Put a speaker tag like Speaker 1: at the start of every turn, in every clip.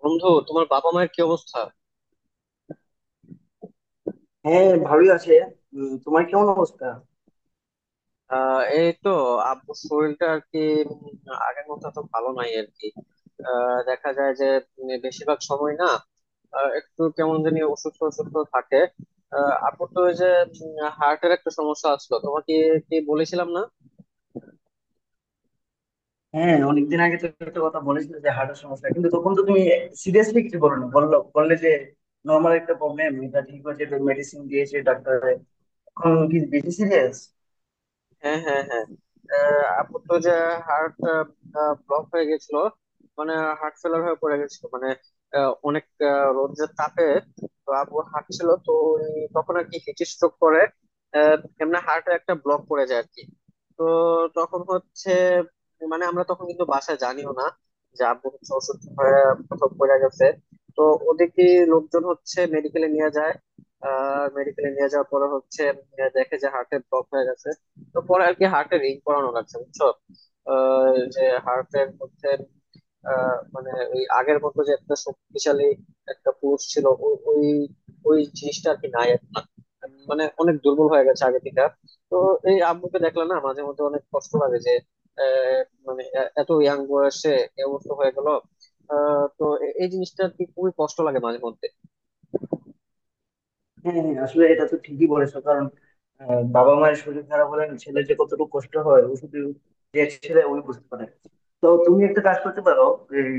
Speaker 1: বন্ধু, তোমার বাবা মায়ের কি অবস্থা?
Speaker 2: হ্যাঁ, ভালোই আছে। তোমার কেমন অবস্থা?
Speaker 1: আহ এই তো, আব্বুর শরীরটা আর কি উম, আগের মতো তো ভালো নাই আর কি। দেখা যায় যে বেশিরভাগ সময় না একটু কেমন জানি অসুস্থ অসুস্থ থাকে। আপুর তো ওই যে হার্টের একটা সমস্যা আসলো, তোমাকে কি বলেছিলাম না?
Speaker 2: হ্যাঁ, অনেকদিন আগে তো একটা কথা বলেছিলে যে হার্টের সমস্যা, কিন্তু তখন তো তুমি সিরিয়াসলি কিছু বলো না, বললে যে নর্মাল একটা প্রবলেম, এটা ঠিক হয়েছে, মেডিসিন দিয়েছে ডাক্তার। এখন কি বেশি সিরিয়াস?
Speaker 1: হ্যাঁ, হ্যাঁ, হ্যাঁ। আপুর তো যে হার্ট ব্লক হয়ে গেছিল, মানে হার্ট ফেলার হয়ে পড়ে গেছিল। মানে অনেক রোদের তাপে তো আপু হাঁটছিল তো, ওই তখন আর কি হিট স্ট্রোক করে এমনি হার্টে একটা ব্লক পড়ে যায় আর কি। তো তখন হচ্ছে মানে আমরা তখন কিন্তু বাসায় জানিও না যে আব্বু হচ্ছে অসুস্থ হয়ে কোথাও পড়ে গেছে। তো ওদিকে লোকজন হচ্ছে মেডিকেলে নিয়ে যায়। মেডিকেলে নিয়ে যাওয়ার পরে হচ্ছে দেখে যে হার্টের ব্লক হয়ে গেছে। তো পরে আর কি হার্টে রিং করানো লাগছে, বুঝছো? যে হার্টের মধ্যে মানে ওই আগের মতো যে একটা শক্তিশালী একটা পুরুষ ছিল, ওই ওই জিনিসটা আর কি নাই এখন। মানে অনেক দুর্বল হয়ে গেছে আগে থেকে। তো এই আব্বুকে দেখলে না মাঝে মধ্যে অনেক কষ্ট লাগে যে আহ, মানে এত ইয়াং বয়সে এই অবস্থা হয়ে গেল। তো এই জিনিসটা আর কি খুবই কষ্ট লাগে মাঝে মধ্যে।
Speaker 2: হ্যাঁ, হ্যাঁ, আসলে এটা তো ঠিকই বলেছো। কারণ বাবা মায়ের শরীর খারাপ হলে ছেলে যে কতটুকু কষ্ট হয় ও শুধু, যে ছেলে ওই বুঝতে পারে। তো তুমি একটা কাজ করতে পারো, এই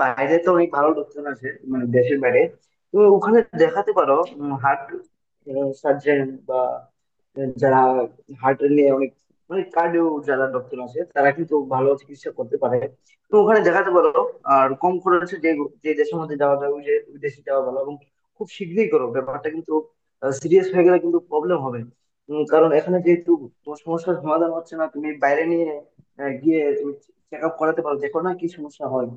Speaker 2: বাইরে তো অনেক ভালো লোকজন আছে, মানে দেশের বাইরে, তো ওখানে দেখাতে পারো, হার্ট সার্জন বা যারা হার্ট নিয়ে অনেক, মানে কার্ডিও যারা ডক্টর আছে, তারা কিন্তু ভালো চিকিৎসা করতে পারে। তো ওখানে দেখাতে পারো, আর কম খরচে যে যে দেশের মধ্যে যাওয়া যায় ওই যে ওই দেশে যাওয়া ভালো। খুব শীঘ্রই করো ব্যাপারটা, কিন্তু সিরিয়াস হয়ে গেলে কিন্তু প্রবলেম হবে। কারণ এখানে যেহেতু তোমার সমস্যার সমাধান হচ্ছে না, তুমি বাইরে নিয়ে গিয়ে তুমি চেক আপ করাতে পারো, দেখো না কি সমস্যা হয়।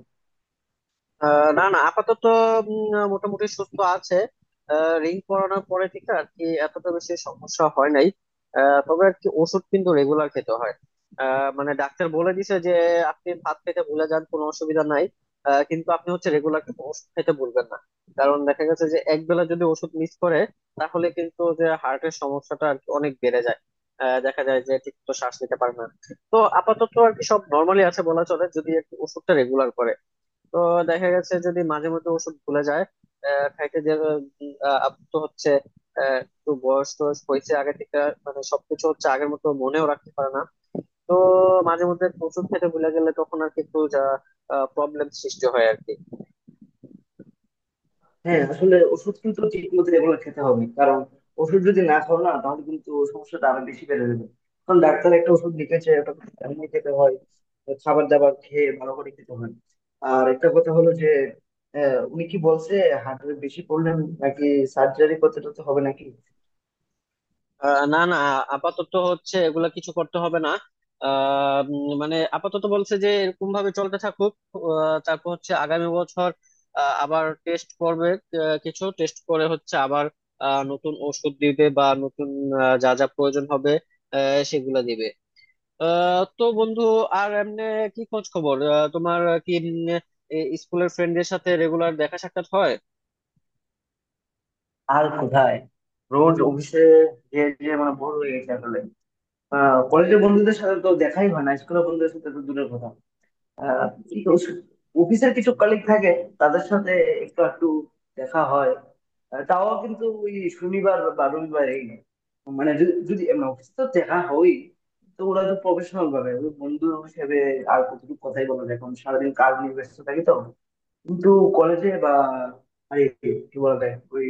Speaker 1: না না, আপাতত মোটামুটি সুস্থ আছে। রিং পরানোর পরে থেকে আর কি এতটা বেশি সমস্যা হয় নাই। তবে আর কি ওষুধ কিন্তু রেগুলার খেতে হয়। মানে ডাক্তার বলে দিছে যে আপনি ভাত খেতে ভুলে যান কোনো অসুবিধা নাই, কিন্তু আপনি হচ্ছে রেগুলার ওষুধ খেতে ভুলবেন না। কারণ দেখা গেছে যে একবেলা যদি ওষুধ মিস করে তাহলে কিন্তু যে হার্টের সমস্যাটা আর কি অনেক বেড়ে যায়। দেখা যায় যে ঠিক মতো শ্বাস নিতে পারে না। তো আপাতত আর কি সব নর্মালি আছে বলা চলে যদি আর কি ওষুধটা রেগুলার করে। তো দেখা গেছে যদি মাঝে মধ্যে ওষুধ ভুলে যায় খাইতে, যে আপ তো হচ্ছে একটু বয়স টয়স হয়েছে আগে থেকে, মানে সবকিছু হচ্ছে আগের মতো মনেও রাখতে পারে না। তো মাঝে মধ্যে ওষুধ খেতে ভুলে গেলে তখন আর কি একটু যা প্রবলেম সৃষ্টি হয় আর কি।
Speaker 2: হ্যাঁ, আসলে ওষুধ কিন্তু ঠিক মতো এগুলো খেতে হবে, কারণ ওষুধ যদি না খাও না, তাহলে কিন্তু সমস্যাটা আরো বেশি বেড়ে যাবে। কারণ ডাক্তার একটা ওষুধ লিখেছে, ওটা এমনি খেতে হয়, খাবার দাবার খেয়ে ভালো করে খেতে হয়। আর একটা কথা হলো যে উনি কি বলছে? হার্টের বেশি প্রবলেম, নাকি সার্জারি করতে টরতে হবে নাকি?
Speaker 1: না না, আপাতত হচ্ছে এগুলা কিছু করতে হবে না। মানে আপাতত বলছে যে এরকম ভাবে চলতে থাকুক। তারপর হচ্ছে আগামী বছর আবার টেস্ট করবে। কিছু টেস্ট করে হচ্ছে আবার নতুন ওষুধ দিবে বা নতুন যা যা প্রয়োজন হবে সেগুলা দিবে। তো বন্ধু, আর এমনি কি খোঁজ খবর? তোমার কি স্কুলের ফ্রেন্ডের সাথে রেগুলার দেখা সাক্ষাৎ হয়?
Speaker 2: আর কোথায়? রোজ অফিসে, যে যে মানে ভোর হয়ে গেছে আসলে। কলেজের বন্ধুদের সাথে তো দেখাই হয় না, স্কুলের বন্ধুদের সাথে তো দূরের কথা। কিন্তু অফিসের কিছু কলিগ থাকে, তাদের সাথে একটু একটু দেখা হয়। তাও কিন্তু ওই শনিবার বা রবিবারেই না। মানে যদি যদি এমনি অফিসে তো দেখা হয়, তো ওরা তো প্রফেশনাল ভাবে ওই বন্ধু হিসেবে আর কতটুকু কথাই বলা যায়, এখন সারাদিন কাজ নিয়ে ব্যস্ত থাকি তো। কিন্তু কলেজে বা আরে কি বলা যায় ওই,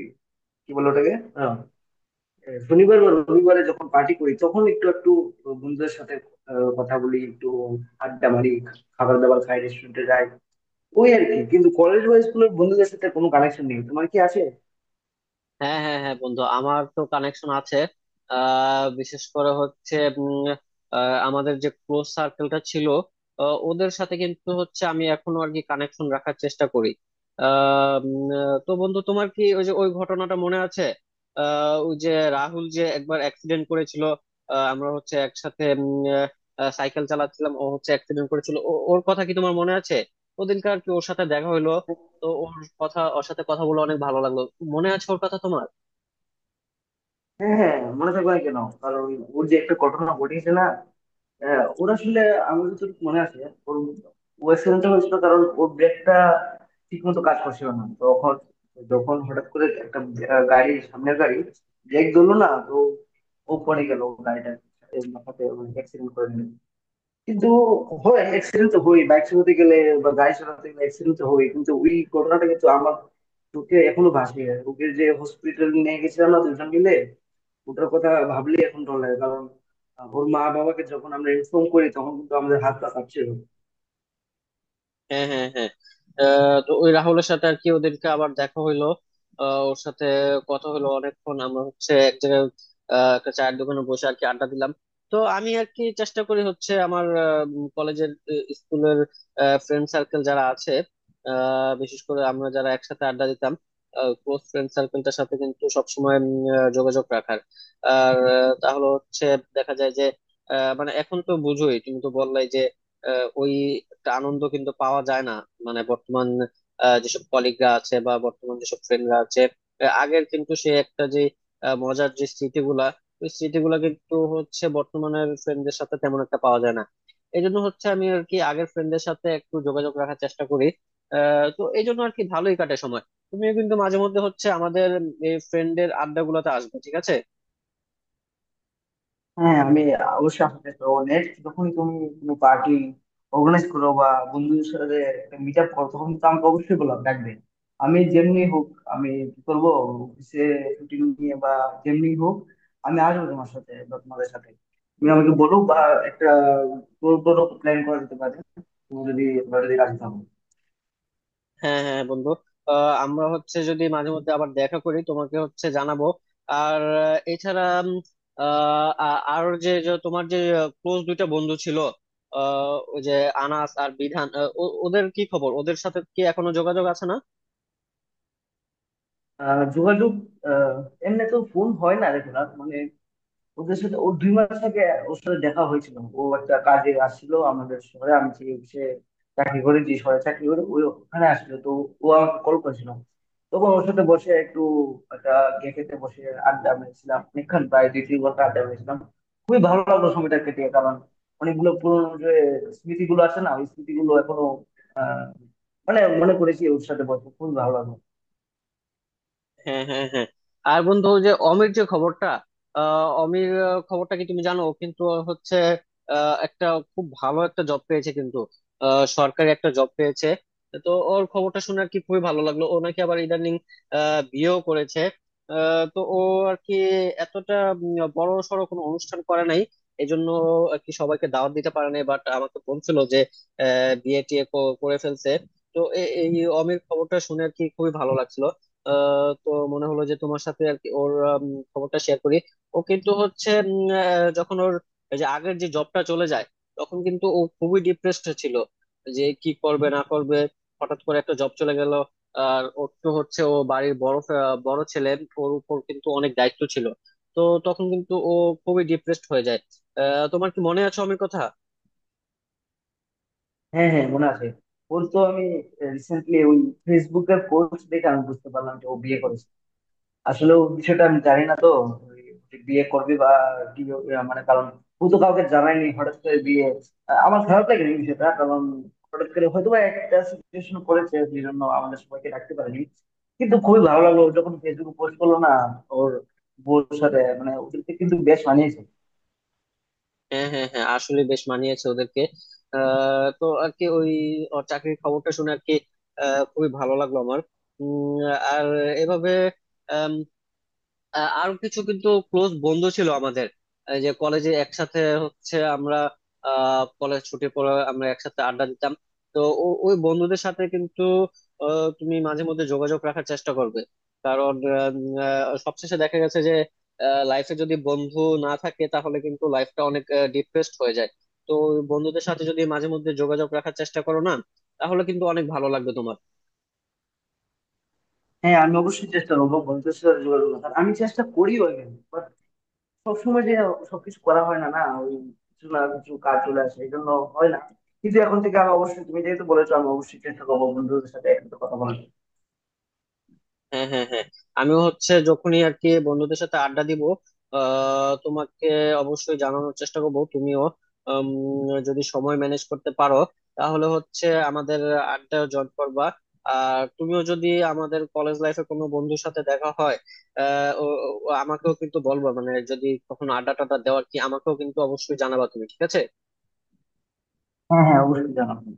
Speaker 2: কি বলে ওটাকে, শনিবার বা রবিবারে যখন পার্টি করি তখন একটু একটু বন্ধুদের সাথে কথা বলি, একটু আড্ডা মারি, খাবার দাবার খাই, রেস্টুরেন্টে যাই। ওই আর কি, কিন্তু কলেজ বা স্কুলের বন্ধুদের সাথে কোনো কানেকশন নেই। তোমার কি আছে?
Speaker 1: হ্যাঁ, হ্যাঁ, হ্যাঁ, বন্ধু আমার তো কানেকশন আছে। বিশেষ করে হচ্ছে উম, আমাদের যে ক্লোজ সার্কেলটা ছিল ওদের সাথে কিন্তু হচ্ছে আমি এখনো আর কি কানেকশন রাখার চেষ্টা করি। আহ, তো বন্ধু, তোমার কি ওই যে ওই ঘটনাটা মনে আছে ওই যে রাহুল যে একবার অ্যাক্সিডেন্ট করেছিল? আমরা হচ্ছে একসাথে সাইকেল চালাচ্ছিলাম, ও হচ্ছে অ্যাক্সিডেন্ট করেছিল, ওর কথা কি তোমার মনে আছে? ওদিনকার কি ওর সাথে দেখা হলো। তো ওর কথা, ওর সাথে কথা বলে অনেক ভালো লাগলো। মনে আছে ওর কথা তোমার?
Speaker 2: হ্যাঁ, হ্যাঁ, হ্যাঁ, মনে থাকবে না কেন? কারণ ওর যে একটা ঘটনা ঘটিয়েছে না। হ্যাঁ, ওর আসলে আমার যতটুকু মনে আছে, ওর ও অ্যাক্সিডেন্টটা হয়েছিল কারণ ওর ব্রেকটা ঠিক মতো কাজ করছিল না। তখন যখন হঠাৎ করে একটা গাড়ি, সামনের গাড়ি ব্রেক ধরলো না, তো ও পড়ে গেল, গাড়িটা মাথাতে অ্যাক্সিডেন্ট করে নিল। কিন্তু হয়, অ্যাক্সিডেন্ট তো হয় বাইক চালাতে গেলে বা গাড়ি চালাতে গেলে। অ্যাক্সিডেন্ট তো হয়, কিন্তু ওই ঘটনাটা কিন্তু আমার চোখে এখনো ভাসে। ওকে যে হসপিটাল নিয়ে গেছিলাম না দুজন মিলে, ওটার কথা ভাবলেই এখন ডর লাগে। কারণ ওর মা বাবাকে যখন আমরা ইনফর্ম করি তখন কিন্তু আমাদের হাত পা কাঁপছিল।
Speaker 1: হ্যাঁ, হ্যাঁ, হ্যাঁ। তো ওই রাহুলের সাথে আর কি ওদেরকে আবার দেখা হইলো। ওর সাথে কথা হলো অনেকক্ষণ, আমরা হচ্ছে এক জায়গায় একটা চায়ের দোকানে বসে আর কি আড্ডা দিলাম। তো আমি আর কি চেষ্টা করি হচ্ছে আমার কলেজের, স্কুলের ফ্রেন্ড সার্কেল যারা আছে বিশেষ করে আমরা যারা একসাথে আড্ডা দিতাম ক্লোজ ফ্রেন্ড সার্কেলটার সাথে কিন্তু সবসময় যোগাযোগ রাখার। আর তাহলে হচ্ছে দেখা যায় যে মানে এখন তো বুঝোই, তুমি তো বললাই যে ওই একটা আনন্দ কিন্তু পাওয়া যায় না। মানে বর্তমান যেসব কলিগরা আছে বা বর্তমান যেসব ফ্রেন্ডরা আছে আগের কিন্তু সে একটা যে মজার যে স্মৃতিগুলা, ওই স্মৃতিগুলা কিন্তু হচ্ছে বর্তমানের ফ্রেন্ডদের সাথে তেমন একটা পাওয়া যায় না। এই জন্য হচ্ছে আমি আর কি আগের ফ্রেন্ডদের সাথে একটু যোগাযোগ রাখার চেষ্টা করি। তো এই জন্য আর কি ভালোই কাটে সময়। তুমিও কিন্তু মাঝে মধ্যে হচ্ছে আমাদের এই ফ্রেন্ডের আড্ডা গুলোতে আসবে, ঠিক আছে?
Speaker 2: হ্যাঁ, আমি অবশ্যই। আপনাকে তো, নেক্সট যখন তুমি কোনো পার্টি অর্গানাইজ করো বা বন্ধুদের সাথে একটা মিট আপ করো, তখন তো আমাকে অবশ্যই বলো, ডাকবে। আমি যেমনি হোক, আমি কি করবো, অফিসে ছুটি নিয়ে বা যেমনি হোক আমি আসবো তোমার সাথে বা তোমাদের সাথে। তুমি আমাকে বলো বা একটা ট্যুর টুরও প্ল্যান করা যেতে পারে, তুমি যদি, তোমরা যদি রাজি থাকো।
Speaker 1: হ্যাঁ, হ্যাঁ, বন্ধু। আমরা হচ্ছে যদি মাঝে মধ্যে আবার দেখা করি তোমাকে হচ্ছে জানাবো। আর এছাড়া আর যে যে তোমার যে ক্লোজ দুইটা বন্ধু ছিল ওই যে আনাস আর বিধান, ওদের কি খবর? ওদের সাথে কি এখনো যোগাযোগ আছে না?
Speaker 2: যোগাযোগ, আহ এমনি তো ফোন হয় না, দেখো না মানে ওদের সাথে। ও 2 মাস আগে, ওর সাথে দেখা হয়েছিল, ও একটা কাজে আসছিল আমাদের শহরে। আমি যে অফিসে চাকরি করি, যে শহরে চাকরি করি, ওই ওখানে আসছিল, তো ও আমাকে কল করেছিল। তখন ওর সাথে বসে একটু, একটা ক্যাফেতে বসে আড্ডা মেরেছিলাম অনেকক্ষণ, প্রায় 2-3 ঘন্টা আড্ডা মেরেছিলাম। খুবই ভালো লাগলো সময়টা কেটে, কারণ অনেকগুলো পুরোনো যে স্মৃতিগুলো আছে না, ওই স্মৃতিগুলো এখনো আহ মানে মনে করেছি। ওর সাথে বসে খুবই ভালো লাগলো।
Speaker 1: হ্যাঁ, হ্যাঁ, হ্যাঁ। আর বন্ধু ওই যে অমির যে খবরটা, অমির খবরটা কি তুমি জানো? ও কিন্তু হচ্ছে একটা খুব ভালো একটা জব পেয়েছে কিন্তু, সরকারি একটা জব পেয়েছে। তো ওর খবরটা শুনে আর কি খুবই ভালো লাগলো। ও নাকি আবার ইদানিং বিয়েও করেছে। তো ও আর কি এতটা বড় সড়ো কোনো অনুষ্ঠান করে নাই, এই জন্য আর কি সবাইকে দাওয়াত দিতে পারে নাই, বাট আমাকে বলছিল যে বিয়ে টিয়ে করে ফেলছে। তো এই অমির খবরটা শুনে আর কি খুবই ভালো লাগছিল। তো মনে হলো যে তোমার সাথে আর কি ওর খবরটা শেয়ার করি। ও কিন্তু হচ্ছে যখন ওর এই যে আগের যে জবটা চলে যায় তখন কিন্তু ও খুবই ডিপ্রেসড ছিল, যে কি করবে না করবে, হঠাৎ করে একটা জব চলে গেল। আর ওর তো হচ্ছে ও বাড়ির বড় বড় ছেলে, ওর উপর কিন্তু অনেক দায়িত্ব ছিল। তো তখন কিন্তু ও খুবই ডিপ্রেসড হয়ে যায়। তোমার কি মনে আছে অমির কথা?
Speaker 2: হ্যাঁ, হ্যাঁ, মনে আছে। ওর তো আমি রিসেন্টলি ওই ফেসবুকের পোস্ট দেখে আমি বুঝতে পারলাম যে ও বিয়ে করেছে। আসলে ও বিষয়টা আমি জানি না তো, ওই যে বিয়ে করবে বা কি মানে কারণ ও তো কাউকে জানায়নি হঠাৎ করে বিয়ে। আমার খারাপ লাগে এই বিষয়টা, কারণ হঠাৎ করে হয়তো বা একটা সিচুয়েশন করেছে, সেই জন্য আমাদের সবাইকে রাখতে পারেনি। কিন্তু খুবই ভালো লাগলো ও যখন ফেসবুকে পোস্ট করলো না, ওর বউর সাথে, মানে ওদেরকে কিন্তু বেশ মানিয়েছে।
Speaker 1: হ্যাঁ, হ্যাঁ, হ্যাঁ, আসলে বেশ মানিয়েছে ওদেরকে। তো আর কি ওই ওর চাকরির খবরটা শুনে আর কি খুবই ভালো লাগলো আমার। উম, আর এভাবে আরো কিছু কিন্তু ক্লোজ বন্ধু ছিল আমাদের এই যে কলেজে, একসাথে হচ্ছে আমরা কলেজ ছুটির পরে আমরা একসাথে আড্ডা দিতাম। তো ওই বন্ধুদের সাথে কিন্তু তুমি মাঝে মধ্যে যোগাযোগ রাখার চেষ্টা করবে। কারণ সবশেষে দেখা গেছে যে লাইফে যদি বন্ধু না থাকে তাহলে কিন্তু লাইফটা অনেক ডিপ্রেসড হয়ে যায়। তো ওই বন্ধুদের সাথে যদি মাঝে মধ্যে যোগাযোগ রাখার চেষ্টা করো না তাহলে কিন্তু অনেক ভালো লাগবে তোমার।
Speaker 2: হ্যাঁ, আমি অবশ্যই চেষ্টা করবো বন্ধুদের সাথে যোগাযোগ রাখার, আমি চেষ্টা করিও। সবসময় যে সবকিছু করা হয় না না, ওই কিছু না কিছু কাজ চলে আসে, এই জন্য হয় না। কিন্তু এখন থেকে আমি অবশ্যই, তুমি যেহেতু বলেছো আমি অবশ্যই চেষ্টা করবো বন্ধুদের সাথে একসাথে কথা বলার।
Speaker 1: হ্যাঁ, হ্যাঁ, হ্যাঁ। আমিও হচ্ছে যখনই আর কি বন্ধুদের সাথে আড্ডা দিব তোমাকে অবশ্যই জানানোর চেষ্টা করবো। তুমিও উম, যদি সময় ম্যানেজ করতে পারো তাহলে হচ্ছে আমাদের আড্ডা জয়েন করবা। আর তুমিও যদি আমাদের কলেজ লাইফে কোনো বন্ধুর সাথে দেখা হয় আহ ও- আমাকেও কিন্তু বলবা, মানে যদি কখনো আড্ডা টাড্ডা দেওয়ার কি আমাকেও কিন্তু অবশ্যই জানাবা তুমি, ঠিক আছে?
Speaker 2: হ্যাঁ, হ্যাঁ, অবশ্যই জানাবো।